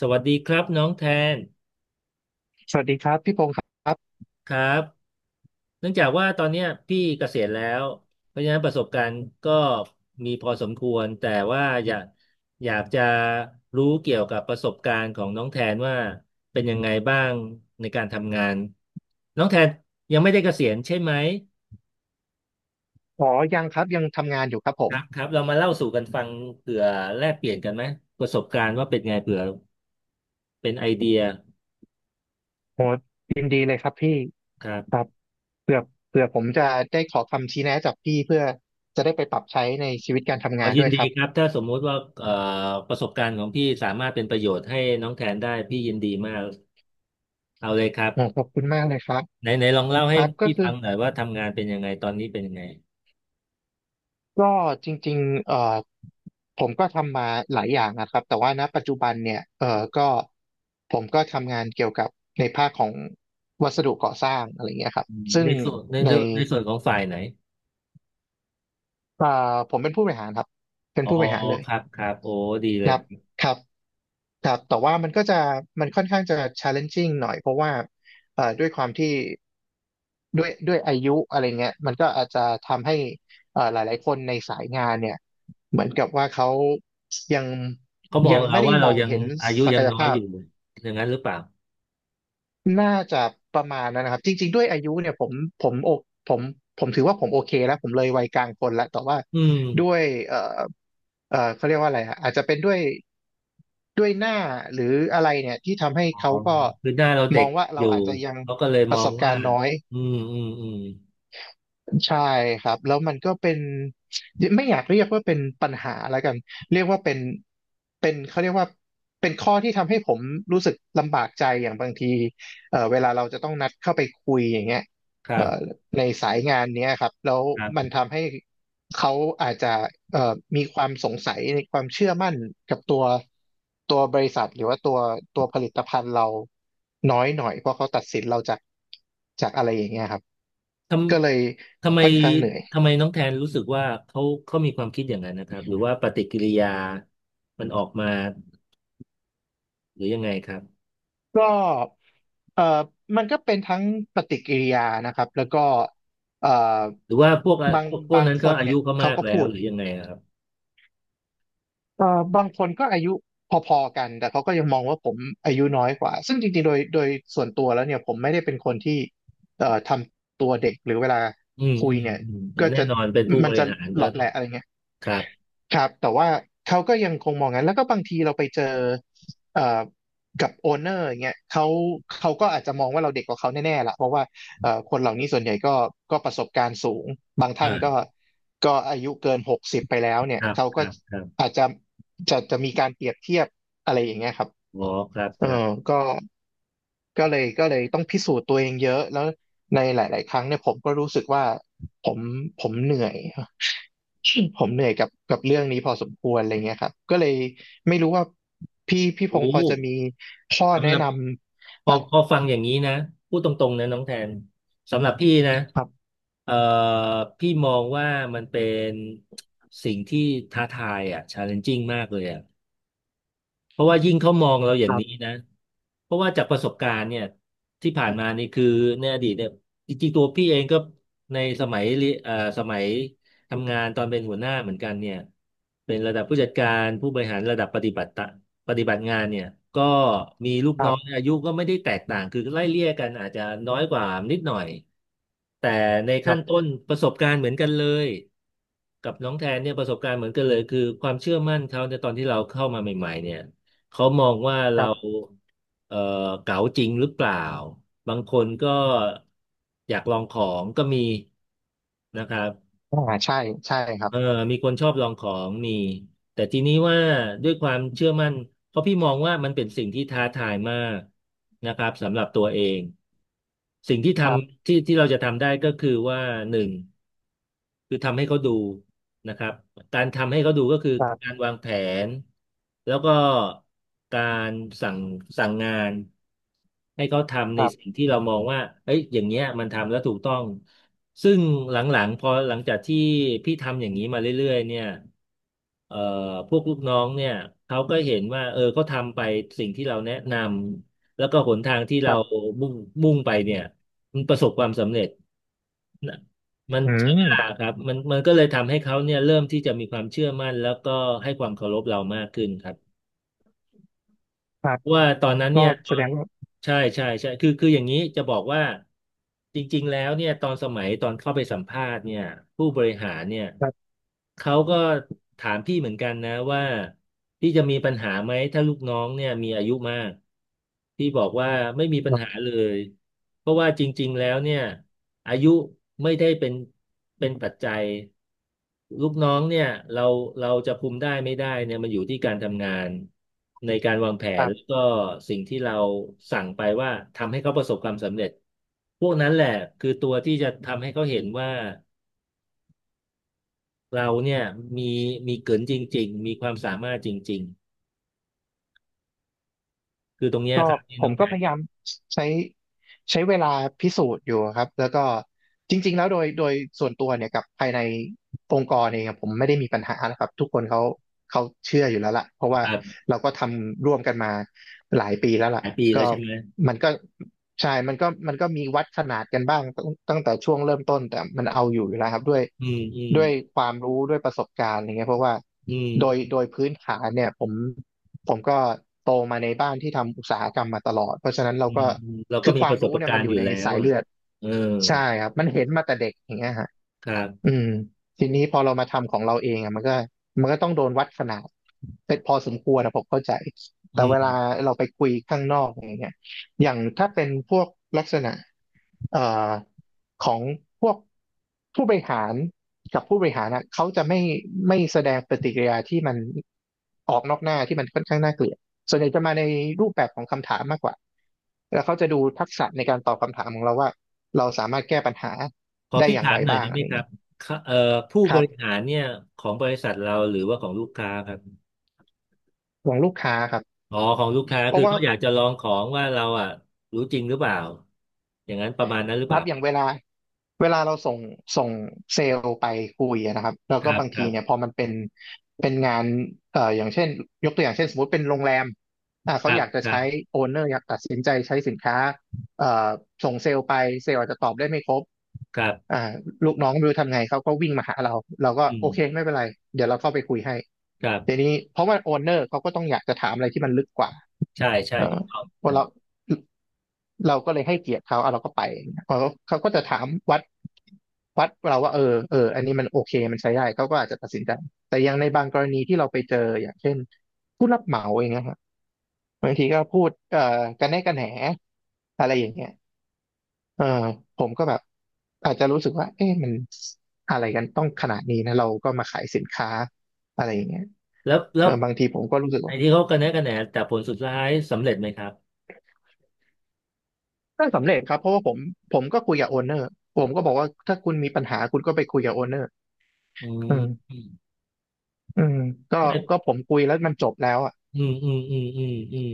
สวัสดีครับน้องแทนสวัสดีครับพี่พงศ์ครับครับเนื่องจากว่าตอนเนี้ยพี่เกษียณแล้วเพราะฉะนั้นประสบการณ์ก็มีพอสมควรแต่ว่าอยากจะรู้เกี่ยวกับประสบการณ์ของน้องแทนว่าเป็นยังไงบ้างในการทำงานน้องแทนยังไม่ได้เกษียณใช่ไหมอ๋อยังครับยังทำงานอยู่ครับผคมรับครับเรามาเล่าสู่กันฟังเผื่อแลกเปลี่ยนกันไหมประสบการณ์ว่าเป็นไงเผื่อเป็นไอเดียโหยินดีเลยครับพี่ครัคบ รับเผื่อเผื่อผมจะได้ขอคำชี้แนะจากพี่เพื่อจะได้ไปปรับใช้ในชีวิตการขทำองานยิด้นวยดีครับครับถ้าสมมุติว่าประสบการณ์ของพี่สามารถเป็นประโยชน์ให้น้องแทนได้พี่ยินดีมากเอาเลยครับโหขอบคุณมากเลยครับไหนไหนลองเล่าคให้รับก็พี่คืฟัองหน่อยว่าทำงานเป็นยังไงตอนนี้เป็นยังไงก็จริงๆผมก็ทำมาหลายอย่างนะครับแต่ว่าณปัจจุบันเนี่ยก็ผมก็ทำงานเกี่ยวกับในภาคของวัสดุก่อสร้างอะไรเงี้ยครับอืมซึ่ในงส่วนในในเรื่องในส่วนของฝ่ายไหนผมเป็นผู้บริหารครับเป็นอ๋อผู้บริหารเลย ครับครับโอ้ดีเลคยรับครับครับแต่ว่ามันก็จะมันค่อนข้างจะ challenging หน่อย เพราะว่าด้วยความที่ ด้วยอายุอะไรเงี้ยมันก็อาจจะทำให้หลายๆคนในสายงานเนี่ยเหมือนกับว่าเขายังเขามองเราไม่ได้ว่ามเราองยังเห็นอายุศัยักงยน้อยภาอพยู่อย่างนั้นหรือเปล่าน่าจะประมาณนั้นนะครับจริงๆด้วยอายุเนี่ยผมโอผมผมถือว่าผมโอเคแล้วผมเลยวัยกลางคนแล้วแต่ว่าอืมด้วยเอ่อเขาเรียกว่าอะไรฮะอาจจะเป็นด้วย หน้าหรืออะไรเนี่ยที่ทำให้อ๋อเขาก็คือหน้าเรามเด็อกงว่าอเรายู่อาจจะยังเขาก็เลยปมระอสงบกาว่ารณ์น้อยอืมอืมอืมใช่ครับแล้วมันก็เป็นไม่อยากเรียกว่าเป็นปัญหาแล้วกันเรียกว่าเป็นเขาเรียกว่าเป็นข้อที่ทำให้ผมรู้สึกลำบากใจอย่างบางทีเวลาเราจะต้องนัดเข้าไปคุยอย่างเงี้ยครัเอ่อ บ ในสายงานเนี้ยครับแล้วมันทำให้เขาอาจจะเอ่อมีความสงสัยในความเชื่อมั่นกับตัวบริษัทหรือว่าตัวผลิตภัณฑ์เราน้อยหน่อยเพราะเขาตัดสินเราจากอะไรอย่างเงี้ยครับทก็เลยำทำไมค่อนข้างเหนื่อยทำไมน้องแทนรู้สึกว่าเขามีความคิดอย่างนั้นนะครับหรือว่าปฏิกิริยามันออกมาหรือยังไงครับก็เอ่อมันก็เป็นทั้งปฏิกิริยานะครับแล้วก็เอ่อหรือว่าพวกบางพวกบางนั้นคก็นอาเนี่ยุยก็เขามากก็แล้พูวด หรือยังไงอะครับบางคนก็อายุพอๆกันแต่เขาก็ยังมองว่าผมอายุน้อยกว่าซึ่งจริงๆโดยส่วนตัวแล้วเนี่ยผมไม่ได้เป็นคนที่ทำตัวเด็กหรือเวลาอืมคุอืยมเนี่ยอืมอ่าก็แน่จะนอนเป็นผู้บมันริจะหารเหก็ลาะต้อแหงละอะไรเงี้ยครับครับแต่ว่าเขาก็ยังคงมองงั้นแล้วก็บางทีเราไปเจอเอ่อกับโอนเนอร์อย่างเงี้ยเขาก็อาจจะมองว่าเราเด็กกว่าเขาแน่ๆล่ะเพราะว่าคนเหล่านี้ส่วนใหญ่ก็ประสบการณ์สูงบางท่านก็ อ่าก็อายุเกิน60ไปแล้วเนี่คยรับเขาคก็รับครับอาจจะมีการเปรียบเทียบอะไรอย่างเงี้ยครับอ๋อครับเอคอรับก็ก็เลยต้องพิสูจน์ตัวเองเยอะแล้วในหลายๆ ครั้งเนี่ยผมก็รู้สึกว่าผมเหนื่อย ผมเหนื่อยกับเรื่องนี้พอสมควรอะไรเงี้ยครับก็เลยไม่รู้ว่าพี่พโอ้งศ์พอจะมีข้อสำแนะหรับ นพำอะไรอพอฟังอย่างนี้นะพูดตรงๆนะน้องแทนสำหรับพี่นะครับเอ่อพี่มองว่ามันเป็นสิ่งที่ท้าทายอ่ะ challenging มากเลยอ่ะ เพราะว่ายิ่งเขามองเราอย่าคงรันี้บนะ เพราะว่าจากประสบการณ์เนี่ยที่ผ่านมานี่คือในอดีตเนี่ยจริงๆตัวพี่เองก็ในสมัยเรียเอ่อสมัยทำงานตอนเป็นหัวหน้าเหมือนกันเนี่ยเป็นระดับผู้จัดการผู้บริหารระดับปฏิบัติงานเนี่ยก็มีลูกครัน้องบอายุก็ไม่ได้แตกต่างคือไล่เลี่ยกันอาจจะน้อยกว่านิดหน่อยแต่ในคขั้รันต้บนประสบการณ์เหมือนกันเลยกับน้องแทนเนี่ยประสบการณ์เหมือนกันเลยคือความเชื่อมั่นเขาในตอนที่เราเข้ามาใหม่ๆเนี่ย เขามองว่าคเรารับเอ่อเก๋าจริงหรือเปล่าบางคนก็อยากลองของก็มีนะครับอ่าใช่ใช่ครับเออมีคนชอบลองของมีแต่ทีนี้ว่าด้วยความเชื่อมั่นเพราะพี่มองว่ามันเป็นสิ่งที่ท้าทายมากนะครับสำหรับตัวเองสิ่งที่ทครับำที่ที่เราจะทำได้ก็คือว่าหนึ่ง คือทำให้เขาดูนะครับ การทำให้เขาดูก็คือครัการบวางแผนแล้วก็การสั่งสั่งงานให้เขาทำคในรัสิ่งบที่เรามองว่าเอ้ยอย่างเงี้ยมันทำแล้วถูกต้องซึ่งหลังๆพอหลังจากที่พี่ทำอย่างนี้มาเรื่อยๆเนี่ยเอ่อพวกลูกน้องเนี่ยเขาก็เห็นว่าเออเขาทำไปสิ่งที่เราแนะนำแล้วก็หนทางที่คเรารับมุ่งมุ่งไปเนี่ยมันประสบความสำเร็จ น่ะมันอืใช้มเวลาครับมันก็เลยทำให้เขาเนี่ยเริ่มที่จะมีความเชื่อมั่นแล้วก็ให้ความเคารพเรามากขึ้นครับ ครับเพราะว่าตอนนั้นก็เนี่ยตแสอดนงว่า ใช่ใช่ใช่คือคืออย่างนี้จะบอกว่าจริงๆแล้วเนี่ยตอนสมัยตอนเข้าไปสัมภาษณ์เนี่ยผู้บริหารเนี่ยครับเขาก็ถามพี่เหมือนกันนะว่าพี่จะมีปัญหาไหมถ้าลูกน้องเนี่ยมีอายุมากพี่บอกว่าไม่มีปัคญรัหาบเลยเพราะว่าจริงๆแล้วเนี่ยอายุไม่ได้เป็นเป็นปัจจัย ลูกน้องเนี่ยเราเราจะคุมได้ไม่ได้เนี่ยมันอยู่ที่การทำงานในการวางแผคนรัแล้วบก็สิ่งที่เราสั่งไปว่าทำให้เขาประสบความสำเร็จพวกนั้นแหละคือตัวที่จะทำให้เขาเห็นว่าเราเนี่ยมีมีเกินจริงๆมีความสามารถจริงๆคือตรงเนี้ยก็ครับที่ผน้อมงแพก็รพยาที่ยามใช้ใช้เวลาพิสูจน์อยู่ครับแล้วก็จริงๆแล้วโดยส่วนตัวเนี่ยกับภายในองค์กรเองอะผมไม่ได้มีปัญหานะครับทุกคนเขาเชื่ออยู่แล้วล่ะเพราะว่าคเราก็ทำร่วมกันมาหลายปีแล้วหล่ะลายปีแล้วก็ใช่ไหมมันก็ใช่มันก็มีวัดขนาดกันบ้างตั้งแต่ช่วงเริ่มต้นแต่มันเอาอยู่แล้วครับด้วยอืมอืมด้วยความรู้ด้วยประสบการณ์อะไรเงี้ยเพราะว่าอืโดยมโดยพื้นฐานเนี่ยผม ผมก็โตมาในบ้านที่ทำอุตสาหกรรมมาตลอด เพราะฉะนั้นเราอืมก็อืมเราก็คือมีคปวามระสรู้บเนี่ยกามัรนอณ์อยู่ยู่ในแล้วสายอ่ะเลือดเออใช่ครับมันเห็นมาแต่เด็กอย่างเงี้ยฮะ ครับอืมทีนี้พอเรามาทำของเราเองอะมันก็ต้องโดนวัดขนาดเป็นพอสมควรนะผมเข้าใจอืแต่เวลาม เราไปคุยข้างนอกอย่างเงี้ยอย่างถ้าเป็นพวกลักษณะเอ่อของพวกผู้บริหารกับผู้บริหารนะเขาจะไม่แสดงปฏิกิริยาที่มันออกนอกหน้าที่มันค่อนข้างน่าเกลียดส่วนใหญ่จะมาในรูปแบบของคำถามมากกว่าแล้วเขาจะดูทักษะในการตอบคำถามของเราว่าเราสามารถแก้ปัญหาขอได้พี่อย่างถาไรมหน่อยบ้าได้งไหอะมไร ครับค่ะผู้คบรัริหาบรเนี่ยของบริษัทเราหรือว่าของลูกค้าครับของลูกค้าครับอ๋อของลูกค้าเพคืราะอว่าเขาอยากจะลองของว่าเราอ่ะรู้จริงหรือเปล่าอย่างนั้นประมาณนั้นหรือคเปรัล่าบอย่างเวลาเราส่งส่งเซลล์ไปคุยอะนะครับแล้วคก็รับบางคทีรับเนี่ยพอมันเป็นงานอย่างเช่นยกตัวอย่างเช่นสมมุติเป็นโรงแรมคเขารัอบยากจะครัใช้บโอนเนอร์อยากตัดสินใจใช้สินค้าเอ่อส่งเซลล์ไปเซลล์อาจจะตอบได้ไม่ครบครัอ่าบลูกน้องไม่รู้ทำไงเขาก็วิ่งมาหาเราเราก็อืโอมเคไม่เป็นไรเดี๋ยวเราเข้าไปคุยให้ครัทีบนี้เพราะว่าโอนเนอร์เขาก็ต้องอยากจะถามอะไรที่มันลึกกว่า ใช่ใช่เออถูกต้องว่าเราเราก็เลยให้เกียรติเขาเอาเราก็ไปเขาก็จะถามวัดเราว่าเออเอออันนี้มันโอเคมันใช้ได้เขาก็อาจจะตัดสินใจแต่อยังในบางกรณีที่เราไปเจออย่างเช่นผู้รับเหมาเองนะฮะบางทีก็พูดกันแน่กันแหนอะไรอย่างเงี้ยเออผมก็แบบอาจจะรู้สึกว่าเอ๊ะมันอะไรกันต้องขนาดนี้นะเราก็มาขายสินค้าอะไรอย่างเงี้ยแล้วแล้เอวอบางทีผมก็รู้สึกไอ้ว่า ที่เขากระแนะกระแหนแต่ผลสุดท้ายสำเร็จไหมครับก็สำเร็จครับเพราะว่าผมก็คุยกับโอนเนอร์ผมก็บอกว่าถ้าคุณมีปัญหาคุณก็ไปคุยกับโอนเนอร์อือืมมอืมอืมก็ไม่ผมคุยแล้วมันจบแล้วอ่ะอืมอืมอืมอืมอืม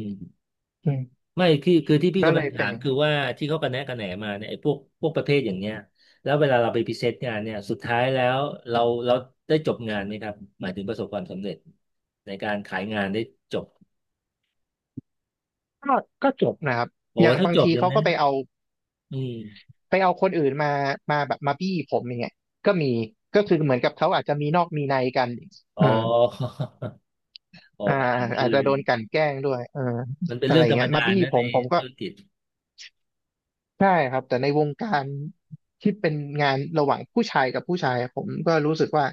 อืมไม่คือที่พี่ก็กำเลลังยเป็ถานมอย่างคือว่าที่เขากระแนะกระแหนมาเนี่ยไอ้พวกประเภทอย่างเนี้ยแล้วเวลาเราไปพรีเซนต์งานเนี่ยสุดท้ายแล้วเราเราได้จบงานไหมครับหมายถึงประสบความสำเร็จในการขายงานได้จบก็จบนะครับโอ้อย่างถ้าบางจบทีอย่างเขานั้ก็นไปเอาอืมคนอื่นมาแบบมาบี้ผมอย่างเงี้ยก็มีก็คือเหมือนกับเขาอาจจะมีนอกมีในกันอ๋อ อืม อ๋ออ่าขนาดนั้นอาจเลจะยโดนกลั่นแกล้งด้วยเออมันเป็นอะไรเรื่องธรรมเงี้ยมาดาบี้นะผในมผมก็ ธุรกิจใช่ครับแต่ในวงการที่เป็นงานระหว่างผู้ชายกับผู้ชายอะผมก็รู้สึกว่า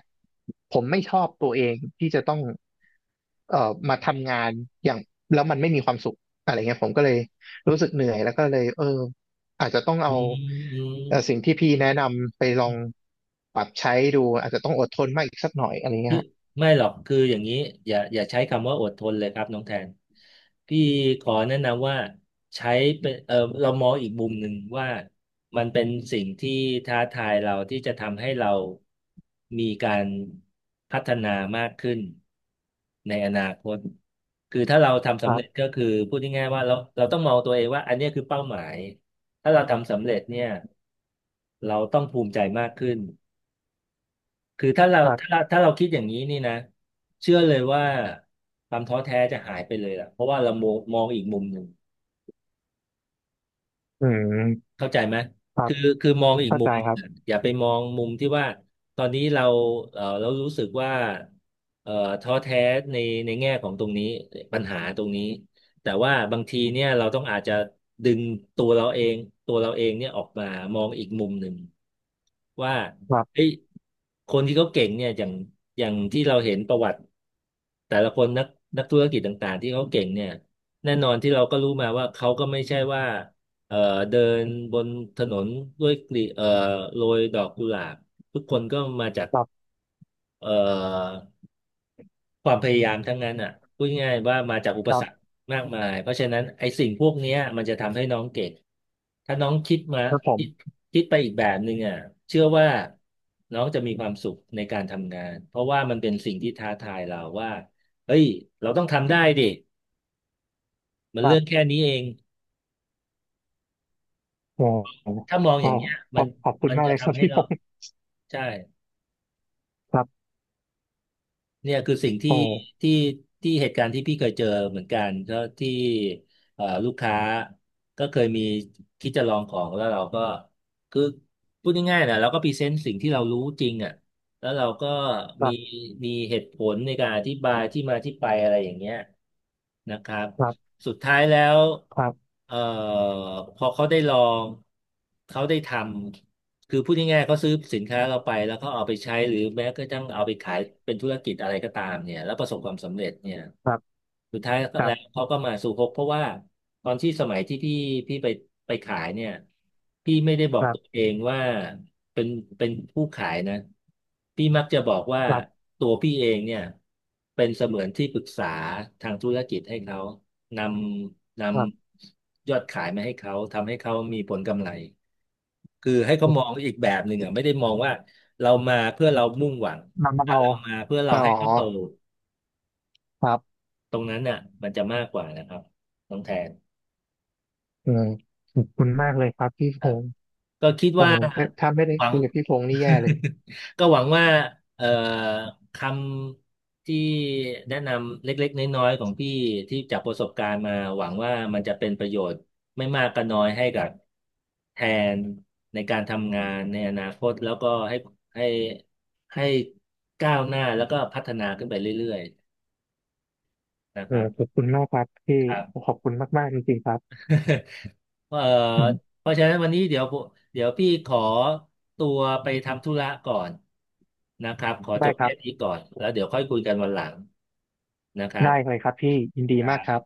ผมไม่ชอบตัวเองที่จะต้องมาทำงานแล้วมันไม่มีความสุขอะไรเงี้ยผมก็เลยรู้สึกเหนื่อยแล้วก็เลยเอออาจจะต้องเอาอืมอืม สิ่งที่พี่แนะนำไปลองปรับใช้ดูอาจจะต้องอดทนมากอีกสักหน่อยอะไรเงี้คืยอครับไม่หรอกคืออย่างนี้อย่าใช้คำว่าอดทนเลยครับน้องแทนพี่ขอแนะนำว่าใช้เป็นเรามองอีกมุมหนึ่งว่ามันเป็นสิ่งที่ท้าทายเราที่จะทำให้เรามีการพัฒนามากขึ้นในอนาคตคือถ้าเราทำสำเร็จคก็คือพูดง่ายๆว่าเราต้องมองตัวเองว่าอันเนี้ยคือเป้าหมายถ้าเราทำสำเร็จเนี่ยเราต้องภูมิใจมากขึ้น คือถ้าเรารับถ้าเราคิดอย่างนี้นี่นะเชื่อเลยว่าความท้อแท้จะหายไปเลยล่ะเพราะว่าเรามองอีกมุมหนึ่ง อืมเข้าใจไหมครับคือคือมองอีกเข้ามุใจมครัหบนึ่งอย่าไปมองมุมที่ว่า ตอนนี้เราเรารู้สึกว่าเออท้อแท้ในแง่ของตรงนี้ปัญหาตรงนี้ แต่ว่าบางทีเนี่ยเราต้องอาจจะดึงตัวเราเอง ตัวเราเองเนี่ยออกมามองอีกมุมหนึ่งว่าครับเฮ้ยคนที่เขาเก่งเนี่ยอย่างที่เราเห็นประวัติแต่ละคนนักธุรกิจต่างๆที่เขาเก่งเนี่ยแน่นอนที่เราก็รู้มาว่าเขาก็ไม่ใช่ว่า เอ่อเดินบนถนนด้วยกลีโรยดอกกุหลาบทุกคนก็มาจากครับเอ่อความพยายามทั้งนั้นอ่ะพูดง่ายๆว่ามาจากอุปครัสรรคบมากมายเพราะฉะนั้นไอ้สิ่งพวกเนี้ยมันจะทำให้น้องเก่งถ้าน้องคิดมาแล้วผมคิดคิดไปอีกแบบหนึ่งอ่ะเชื่อว่าน้องจะมีความสุขในการทำงานเพราะว่ามันเป็นสิ่งที่ท้าทายเราว่าเฮ้ยเราต้องทำได้ดิมัคนรัเรื่องบแค่นี้เองโอ้โหถ้ามองอก็ย่างเงี้ยขมัอนบคุณมันมากจะเลยครับทำให้พี่พ เราใช่ ครับเนี่ยคือสิ่งที่โอ้ที่ที่เหตุการณ์ที่พี่เคยเจอเหมือนกันก็ที่ลูกค้าก็เคยมีคิดจะลองของแล้วเราก็คือพูดง่ายๆนะเราก็พรีเซนต์สิ่งที่เรารู้จริงอ่ะแล้วเราก็คมีรับมีเหตุผลในการอธิบายที่มาที่ไปอะไรอย่างเงี้ยนะครับครับสุดท้ายแล้วครับเอ่อพอเขาได้ลองเขาได้ทำ คือพูดง่ายๆเขาซื้อสินค้าเราไปแล้วเขาเอาไปใช้หรือแม้กระทั่งเอาไปขายเป็นธุรกิจอะไรก็ตามเนี่ยแล้วประสบความสำเร็จเนี่ยครับสุดท้ายครัแล้วบเขาก็มาสู่ฮกเพราะว่าตอนที่สมัยที่พี่ไปขายเนี่ยพี่ไม่ได้บอคกรัตัวบเองว่าเป็นเป็นผู้ขายนะพี่มักจะบอกว่าครับตัวพี่เองเนี่ยเป็นเสมือนที่ปรึกษาทางธุรกิจให้เขานำนครัำยอดขายมาให้เขาทำให้เขามีผลกำไร คือให้เขาบมองอีกแบบหนึ่งอ่ะไม่ได้มองว่าเรามาเพื่อเรามุ่งหวังนำมาแต่เอาเรามาเพื่อเราอ๋อให้เขาโตครับตรงนั้นน่ะมันจะมากกว่านะครับน้องแทนอืมขอบคุณมากเลยครับพี่คพรับ งษ์ก็คิดโอ้ว่าโหถ้าไม่ได้หวัง คุยกับพี่พงษ์นี่แย่เลย ก็หวังว่าเอ่อคำที่แนะนำเล็กๆน้อยๆของพี่ที่จากประสบการณ์มาหวังว่ามันจะเป็นประโยชน์ไม่มากก็น้อยให้กับแทนในการทำงานในอนาคตแล้วก็ให้ให้ก้าวหน้าแล้วก็พัฒนาขึ้นไปเรื่อยๆนะเอครัอขอบคุณมากครับพี่บ ขอบคุณมากๆจริงๆครับ เอ่ออืมเพราะฉะนั้นวันนี้เดี๋ยวพี่ขอตัวไปทำธุระก่อนนะครับขอจได้บครัแค่บนี้ก่อนแล้วเดี๋ยวค่อยคุยกันวันหลังนะครัได้เลยครับพี่ ยินดีมากครับบ